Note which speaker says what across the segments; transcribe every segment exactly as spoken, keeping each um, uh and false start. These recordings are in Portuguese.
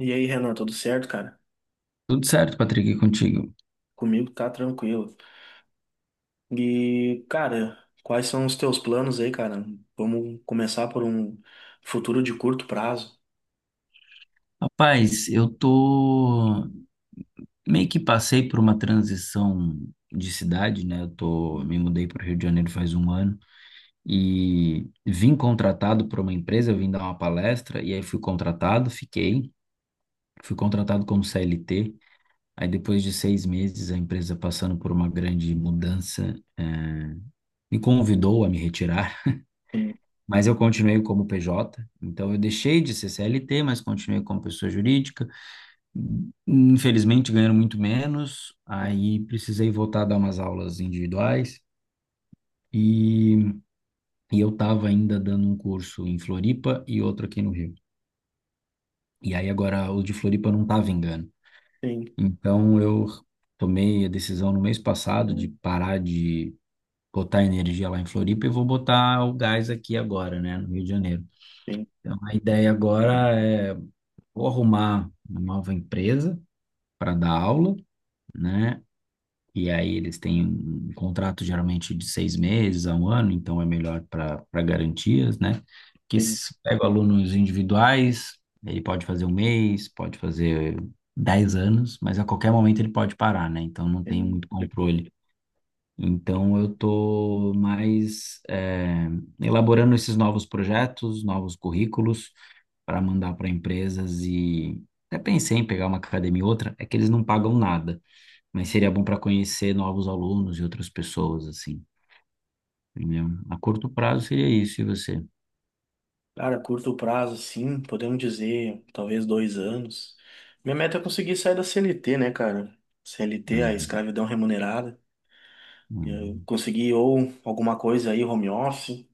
Speaker 1: E aí, Renan, tudo certo, cara?
Speaker 2: Tudo certo, Patrick, e contigo?
Speaker 1: Comigo tá tranquilo. E, cara, quais são os teus planos aí, cara? Vamos começar por um futuro de curto prazo.
Speaker 2: Rapaz, eu tô meio que passei por uma transição de cidade, né? Eu tô me mudei para o Rio de Janeiro faz um ano e vim contratado por uma empresa, eu vim dar uma palestra e aí fui contratado, fiquei, fui contratado como C L T. Aí depois de seis meses, a empresa passando por uma grande mudança, eh, me convidou a me retirar,
Speaker 1: Sim,
Speaker 2: mas eu continuei como P J. Então eu deixei de ser C L T, mas continuei como pessoa jurídica. Infelizmente, ganhando muito menos, aí precisei voltar a dar umas aulas individuais e, e eu estava ainda dando um curso em Floripa e outro aqui no Rio. E aí agora o de Floripa não tá vingando.
Speaker 1: sim,
Speaker 2: Então eu tomei a decisão no mês passado de parar de botar energia lá em Floripa e vou botar o gás aqui agora, né, no Rio de Janeiro.
Speaker 1: sim,
Speaker 2: Então a ideia agora é vou arrumar uma nova empresa para dar aula, né? E aí eles têm um contrato geralmente de seis meses a um ano, então é melhor para para garantias, né? Que
Speaker 1: sim,
Speaker 2: se pega alunos individuais, ele pode fazer um mês, pode fazer dez anos, mas a qualquer momento ele pode parar, né? Então não tem
Speaker 1: sim.
Speaker 2: muito controle. Então eu tô mais eh, elaborando esses novos projetos, novos currículos para mandar para empresas e até pensei em pegar uma academia e outra, é que eles não pagam nada, mas seria bom para conhecer novos alunos e outras pessoas, assim, entendeu? A curto prazo seria isso, e você?
Speaker 1: Cara, curto prazo, sim, podemos dizer, talvez dois anos. Minha meta é conseguir sair da C L T, né, cara? C L T, a
Speaker 2: Uhum.
Speaker 1: escravidão remunerada. Eu
Speaker 2: Uhum.
Speaker 1: conseguir ou alguma coisa aí, home office.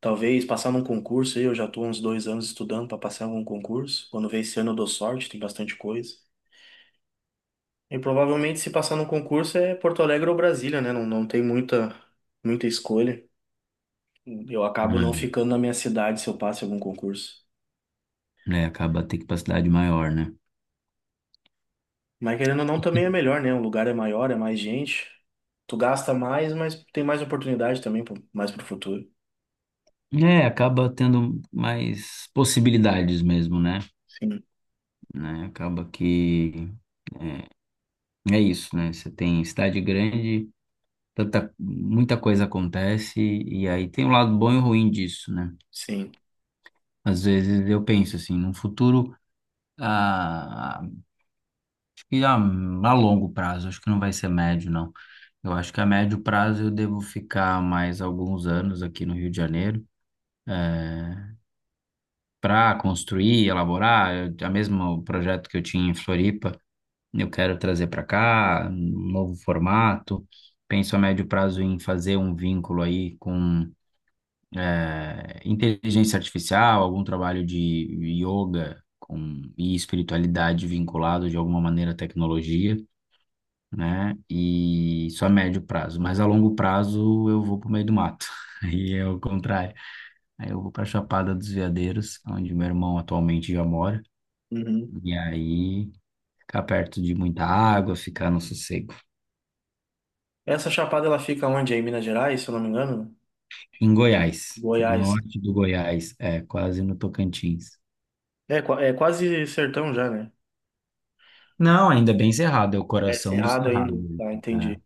Speaker 1: Talvez passar num concurso aí, eu já estou uns dois anos estudando para passar em algum concurso. Quando vem esse ano eu dou sorte, tem bastante coisa. E provavelmente se passar num concurso é Porto Alegre ou Brasília, né? Não, não tem muita, muita escolha. Eu acabo não ficando na minha cidade se eu passo em algum concurso.
Speaker 2: É, acaba ter capacidade maior, né?
Speaker 1: Mas querendo ou não, também é melhor, né? O lugar é maior, é mais gente. Tu gasta mais, mas tem mais oportunidade também, pro- mais pro futuro.
Speaker 2: É, acaba tendo mais possibilidades mesmo, né?
Speaker 1: Sim,
Speaker 2: Né? Acaba que é, é isso, né? Você tem cidade grande, tanta, muita coisa acontece, e aí tem um lado bom e ruim disso, né?
Speaker 1: sim.
Speaker 2: Às vezes eu penso assim, no futuro, a e a, a longo prazo, acho que não vai ser médio, não. Eu acho que a médio prazo eu devo ficar mais alguns anos aqui no Rio de Janeiro para construir, elaborar. Eu, a mesmo projeto que eu tinha em Floripa, eu quero trazer para cá, um novo formato. Penso a médio prazo em fazer um vínculo aí com eh, inteligência artificial, algum trabalho de yoga com, e espiritualidade vinculado de alguma maneira à tecnologia. Né? E só a médio prazo, mas a longo prazo eu vou pro meio do mato. Aí é o contrário. Aí eu vou pra Chapada dos Veadeiros, onde meu irmão atualmente já mora,
Speaker 1: Uhum.
Speaker 2: e aí ficar perto de muita água, ficar no sossego.
Speaker 1: Essa chapada ela fica onde? É em Minas Gerais, se eu não me engano?
Speaker 2: Em Goiás, no
Speaker 1: Goiás.
Speaker 2: norte do Goiás, é quase no Tocantins.
Speaker 1: É, qua- é quase sertão já, né?
Speaker 2: Não, ainda é bem cerrado, é o
Speaker 1: É
Speaker 2: coração do
Speaker 1: cerrado ainda.
Speaker 2: cerrado.
Speaker 1: Tá,
Speaker 2: Né?
Speaker 1: entendi.
Speaker 2: É.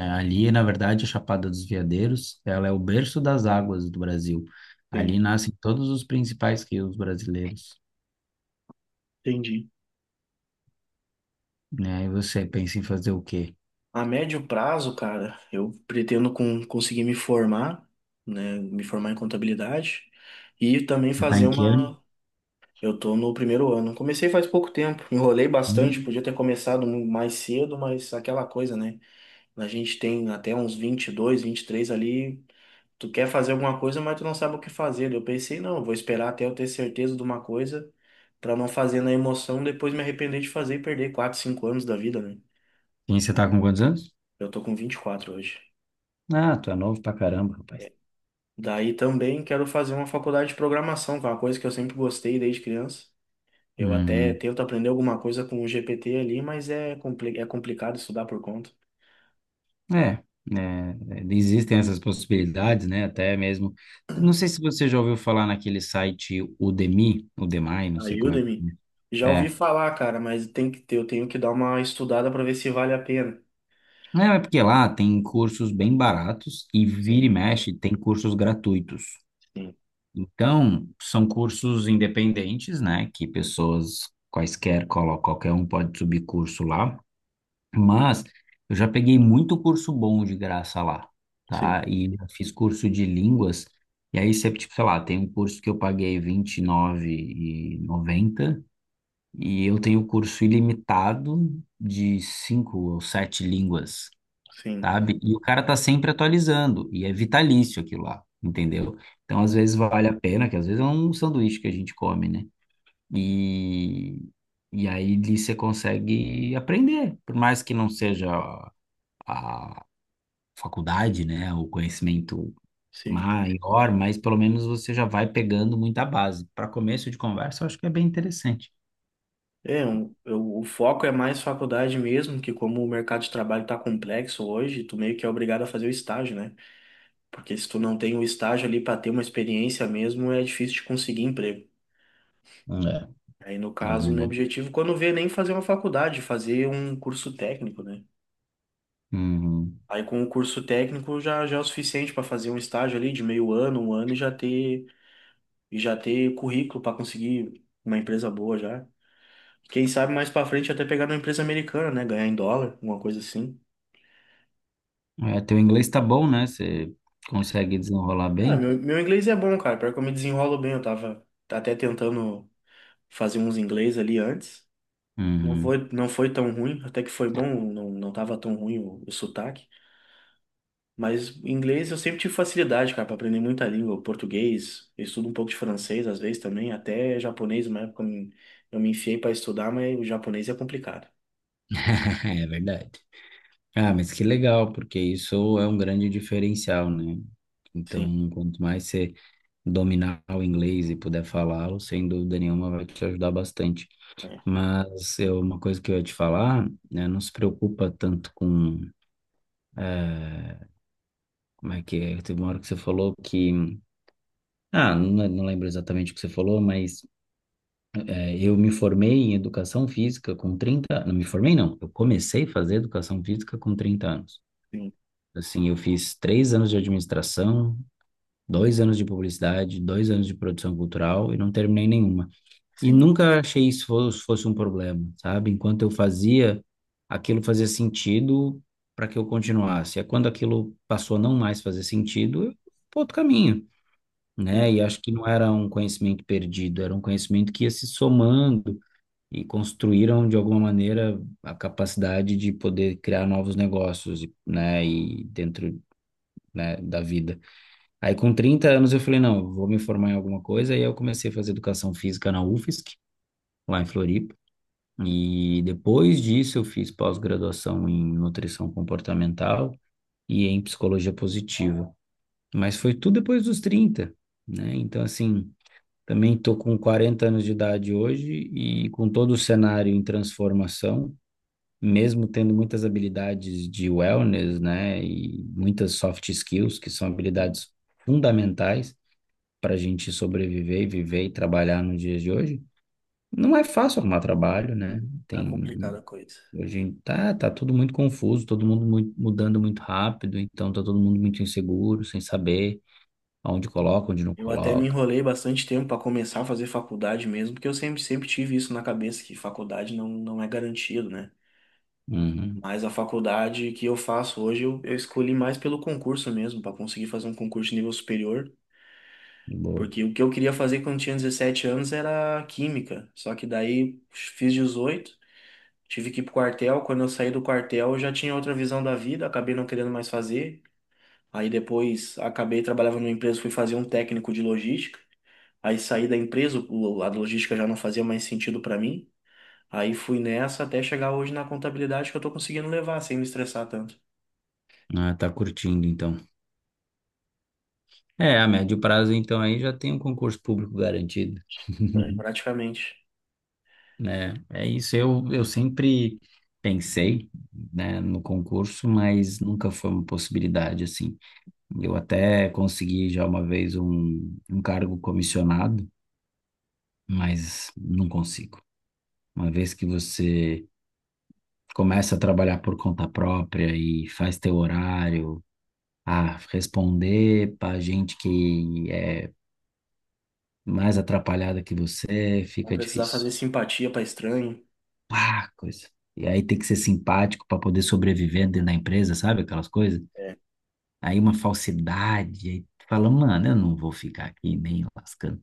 Speaker 2: É, ali, na verdade, a Chapada dos Veadeiros, ela é o berço das águas do Brasil.
Speaker 1: Sim,
Speaker 2: Ali nascem todos os principais rios brasileiros.
Speaker 1: entendi.
Speaker 2: Né? E você pensa em fazer o quê?
Speaker 1: A médio prazo, cara, eu pretendo com, conseguir me formar, né? Me formar em contabilidade e também
Speaker 2: Você tá
Speaker 1: fazer
Speaker 2: em que ano?
Speaker 1: uma. Eu tô no primeiro ano. Comecei faz pouco tempo, enrolei bastante,
Speaker 2: Hum.
Speaker 1: podia ter começado mu- mais cedo, mas aquela coisa, né? A gente tem até uns vinte e dois, três ali. Tu quer fazer alguma coisa, mas tu não sabe o que fazer. Eu pensei, não, eu vou esperar até eu ter certeza de uma coisa pra não fazer na emoção, depois me arrepender de fazer e perder quatro cinco anos da vida, né?
Speaker 2: E você tá com quantos anos?
Speaker 1: Eu tô com vinte e quatro hoje.
Speaker 2: Ah, tu é novo pra caramba, rapaz.
Speaker 1: Daí também quero fazer uma faculdade de programação, que é uma coisa que eu sempre gostei desde criança. Eu até
Speaker 2: Uhum.
Speaker 1: tento aprender alguma coisa com o G P T ali, mas é, compli é complicado estudar por conta.
Speaker 2: É, né, existem essas possibilidades, né? Até mesmo. Não sei se você já ouviu falar naquele site Udemy, Udemy, não
Speaker 1: A
Speaker 2: sei como é que.
Speaker 1: Udemy, já ouvi
Speaker 2: É.
Speaker 1: falar, cara, mas tem que ter, eu tenho que dar uma estudada pra ver se vale a pena.
Speaker 2: Não, é porque lá tem cursos bem baratos e vira e
Speaker 1: Sim,
Speaker 2: mexe tem cursos gratuitos.
Speaker 1: sim,
Speaker 2: Então, são cursos independentes, né? Que pessoas quaisquer, colo- qualquer um pode subir curso lá. Mas eu já peguei muito curso bom de graça lá,
Speaker 1: sim,
Speaker 2: tá? E já fiz curso de línguas. E aí sempre, tipo, sei lá, tem um curso que eu paguei R vinte e nove e noventa e nove e noventa e eu tenho curso ilimitado de cinco ou sete línguas,
Speaker 1: sim.
Speaker 2: sabe? E o cara tá sempre atualizando e é vitalício aquilo lá, entendeu? Então, às vezes vale a pena, que às vezes é um sanduíche que a gente come, né? E, e aí ali você consegue aprender, por mais que não seja a faculdade, né, o conhecimento
Speaker 1: Sim.
Speaker 2: maior, mas pelo menos você já vai pegando muita base. Para começo de conversa, eu acho que é bem interessante.
Speaker 1: É, um- eu- o foco é mais faculdade mesmo, que como o mercado de trabalho está complexo hoje, tu meio que é obrigado a fazer o estágio, né? Porque se tu não tem o estágio ali para ter uma experiência mesmo, é difícil de conseguir emprego.
Speaker 2: É,
Speaker 1: Aí, no
Speaker 2: na
Speaker 1: caso, o meu
Speaker 2: verdade.
Speaker 1: objetivo, quando vê, é nem fazer uma faculdade, fazer um curso técnico, né?
Speaker 2: Uhum.
Speaker 1: Aí, com o curso técnico, já, já é o suficiente para fazer um estágio ali de meio ano, um ano, e já ter, e já ter currículo para conseguir uma empresa boa já. Quem sabe mais para frente até pegar numa empresa americana, né? Ganhar em dólar, alguma coisa assim.
Speaker 2: É, teu inglês tá bom, né? Você consegue desenrolar
Speaker 1: Ah,
Speaker 2: bem?
Speaker 1: meu, meu inglês é bom, cara. Pior que eu me desenrolo bem. Eu tava até tentando fazer uns inglês ali antes. Não
Speaker 2: Uhum.
Speaker 1: foi, não foi tão ruim, até que foi bom, não, não tava tão ruim o, o sotaque. Mas inglês eu sempre tive facilidade, cara, pra aprender muita língua. O português, eu estudo um pouco de francês às vezes também, até japonês, uma época eu me, eu me enfiei pra estudar, mas o japonês é complicado.
Speaker 2: É verdade. Ah, mas que legal, porque isso é um grande diferencial, né?
Speaker 1: Sim,
Speaker 2: Então, quanto mais você dominar o inglês e puder falá-lo, sem dúvida nenhuma vai te ajudar bastante.
Speaker 1: é,
Speaker 2: Mas é uma coisa que eu ia te falar, né, não se preocupa tanto com, eh, como é que é? Teve uma hora que você falou que, ah, não, não lembro exatamente o que você falou, mas eh, eu me formei em educação física com trinta, não me formei não, eu comecei a fazer educação física com trinta anos.
Speaker 1: sim,
Speaker 2: Assim, eu fiz três anos de administração, dois anos de publicidade, dois anos de produção cultural e não terminei nenhuma. E
Speaker 1: sim,
Speaker 2: nunca achei isso fosse, fosse um problema, sabe? Enquanto eu fazia, aquilo fazia sentido para que eu continuasse. É quando aquilo passou a não mais fazer sentido, eu fui para outro caminho,
Speaker 1: é.
Speaker 2: né? E acho que não era um conhecimento perdido, era um conhecimento que ia se somando e construíram de alguma maneira a capacidade de poder criar novos negócios, né? E dentro, né, da vida. Aí com trinta anos eu falei, não, vou me formar em alguma coisa, e aí eu comecei a fazer educação física na U F S C, lá em Floripa, e depois disso eu fiz pós-graduação em nutrição comportamental e em psicologia positiva. Mas foi tudo depois dos trinta, né? Então, assim, também estou com quarenta anos de idade hoje e com todo o cenário em transformação, mesmo tendo muitas habilidades de wellness, né? E muitas soft skills, que são
Speaker 1: Hum,
Speaker 2: habilidades fundamentais para a gente sobreviver, viver e trabalhar nos dias de hoje. Não é fácil arrumar trabalho, né?
Speaker 1: hum, Tá
Speaker 2: Tem
Speaker 1: complicada a coisa.
Speaker 2: Hoje tá, tá tudo muito confuso, todo mundo mui- mudando muito rápido, então tá todo mundo muito inseguro, sem saber aonde
Speaker 1: É.
Speaker 2: coloca, onde não
Speaker 1: Eu até me
Speaker 2: coloca.
Speaker 1: enrolei bastante tempo para começar a fazer faculdade mesmo, porque eu sempre, sempre tive isso na cabeça, que faculdade não, não é garantido, né?
Speaker 2: Uhum,
Speaker 1: Mas a faculdade que eu faço hoje, eu, eu escolhi mais pelo concurso mesmo, para conseguir fazer um concurso de nível superior,
Speaker 2: boa.
Speaker 1: porque o que eu queria fazer quando tinha dezessete anos era química, só que daí fiz dezoito, tive que ir pro quartel, quando eu saí do quartel eu já tinha outra visão da vida, acabei não querendo mais fazer, aí depois acabei trabalhando numa empresa, fui fazer um técnico de logística. Aí saí da empresa, o- a logística já não fazia mais sentido para mim. Aí fui nessa até chegar hoje na contabilidade que eu tô conseguindo levar sem me estressar tanto.
Speaker 2: Ah, tá curtindo então. É, a médio prazo então aí já tem um concurso público garantido.
Speaker 1: É, praticamente.
Speaker 2: Né, é isso, eu, eu sempre pensei, né, no concurso, mas nunca foi uma possibilidade assim. Eu até consegui já uma vez um, um cargo comissionado, mas não consigo. Uma vez que você começa a trabalhar por conta própria e faz teu horário, a responder para gente que é mais atrapalhada que você,
Speaker 1: Não
Speaker 2: fica
Speaker 1: precisar
Speaker 2: difícil.
Speaker 1: fazer simpatia para estranho.
Speaker 2: Ah, coisa. E aí tem que ser simpático para poder sobreviver dentro da empresa, sabe? Aquelas coisas.
Speaker 1: É.
Speaker 2: Aí uma falsidade, aí tu fala, mano, eu não vou ficar aqui nem lascando.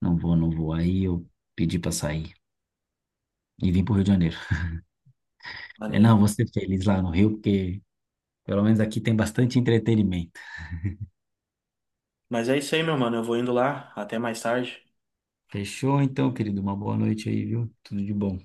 Speaker 2: Não vou, não vou. Aí eu pedi para sair e vim pro Rio de Janeiro. Falei,
Speaker 1: Maneiro.
Speaker 2: não, vou ser feliz lá no Rio, porque pelo menos aqui tem bastante entretenimento.
Speaker 1: Mas é isso aí, meu mano. Eu vou indo lá. Até mais tarde.
Speaker 2: Fechou então, querido? Uma boa noite aí, viu? Tudo de bom.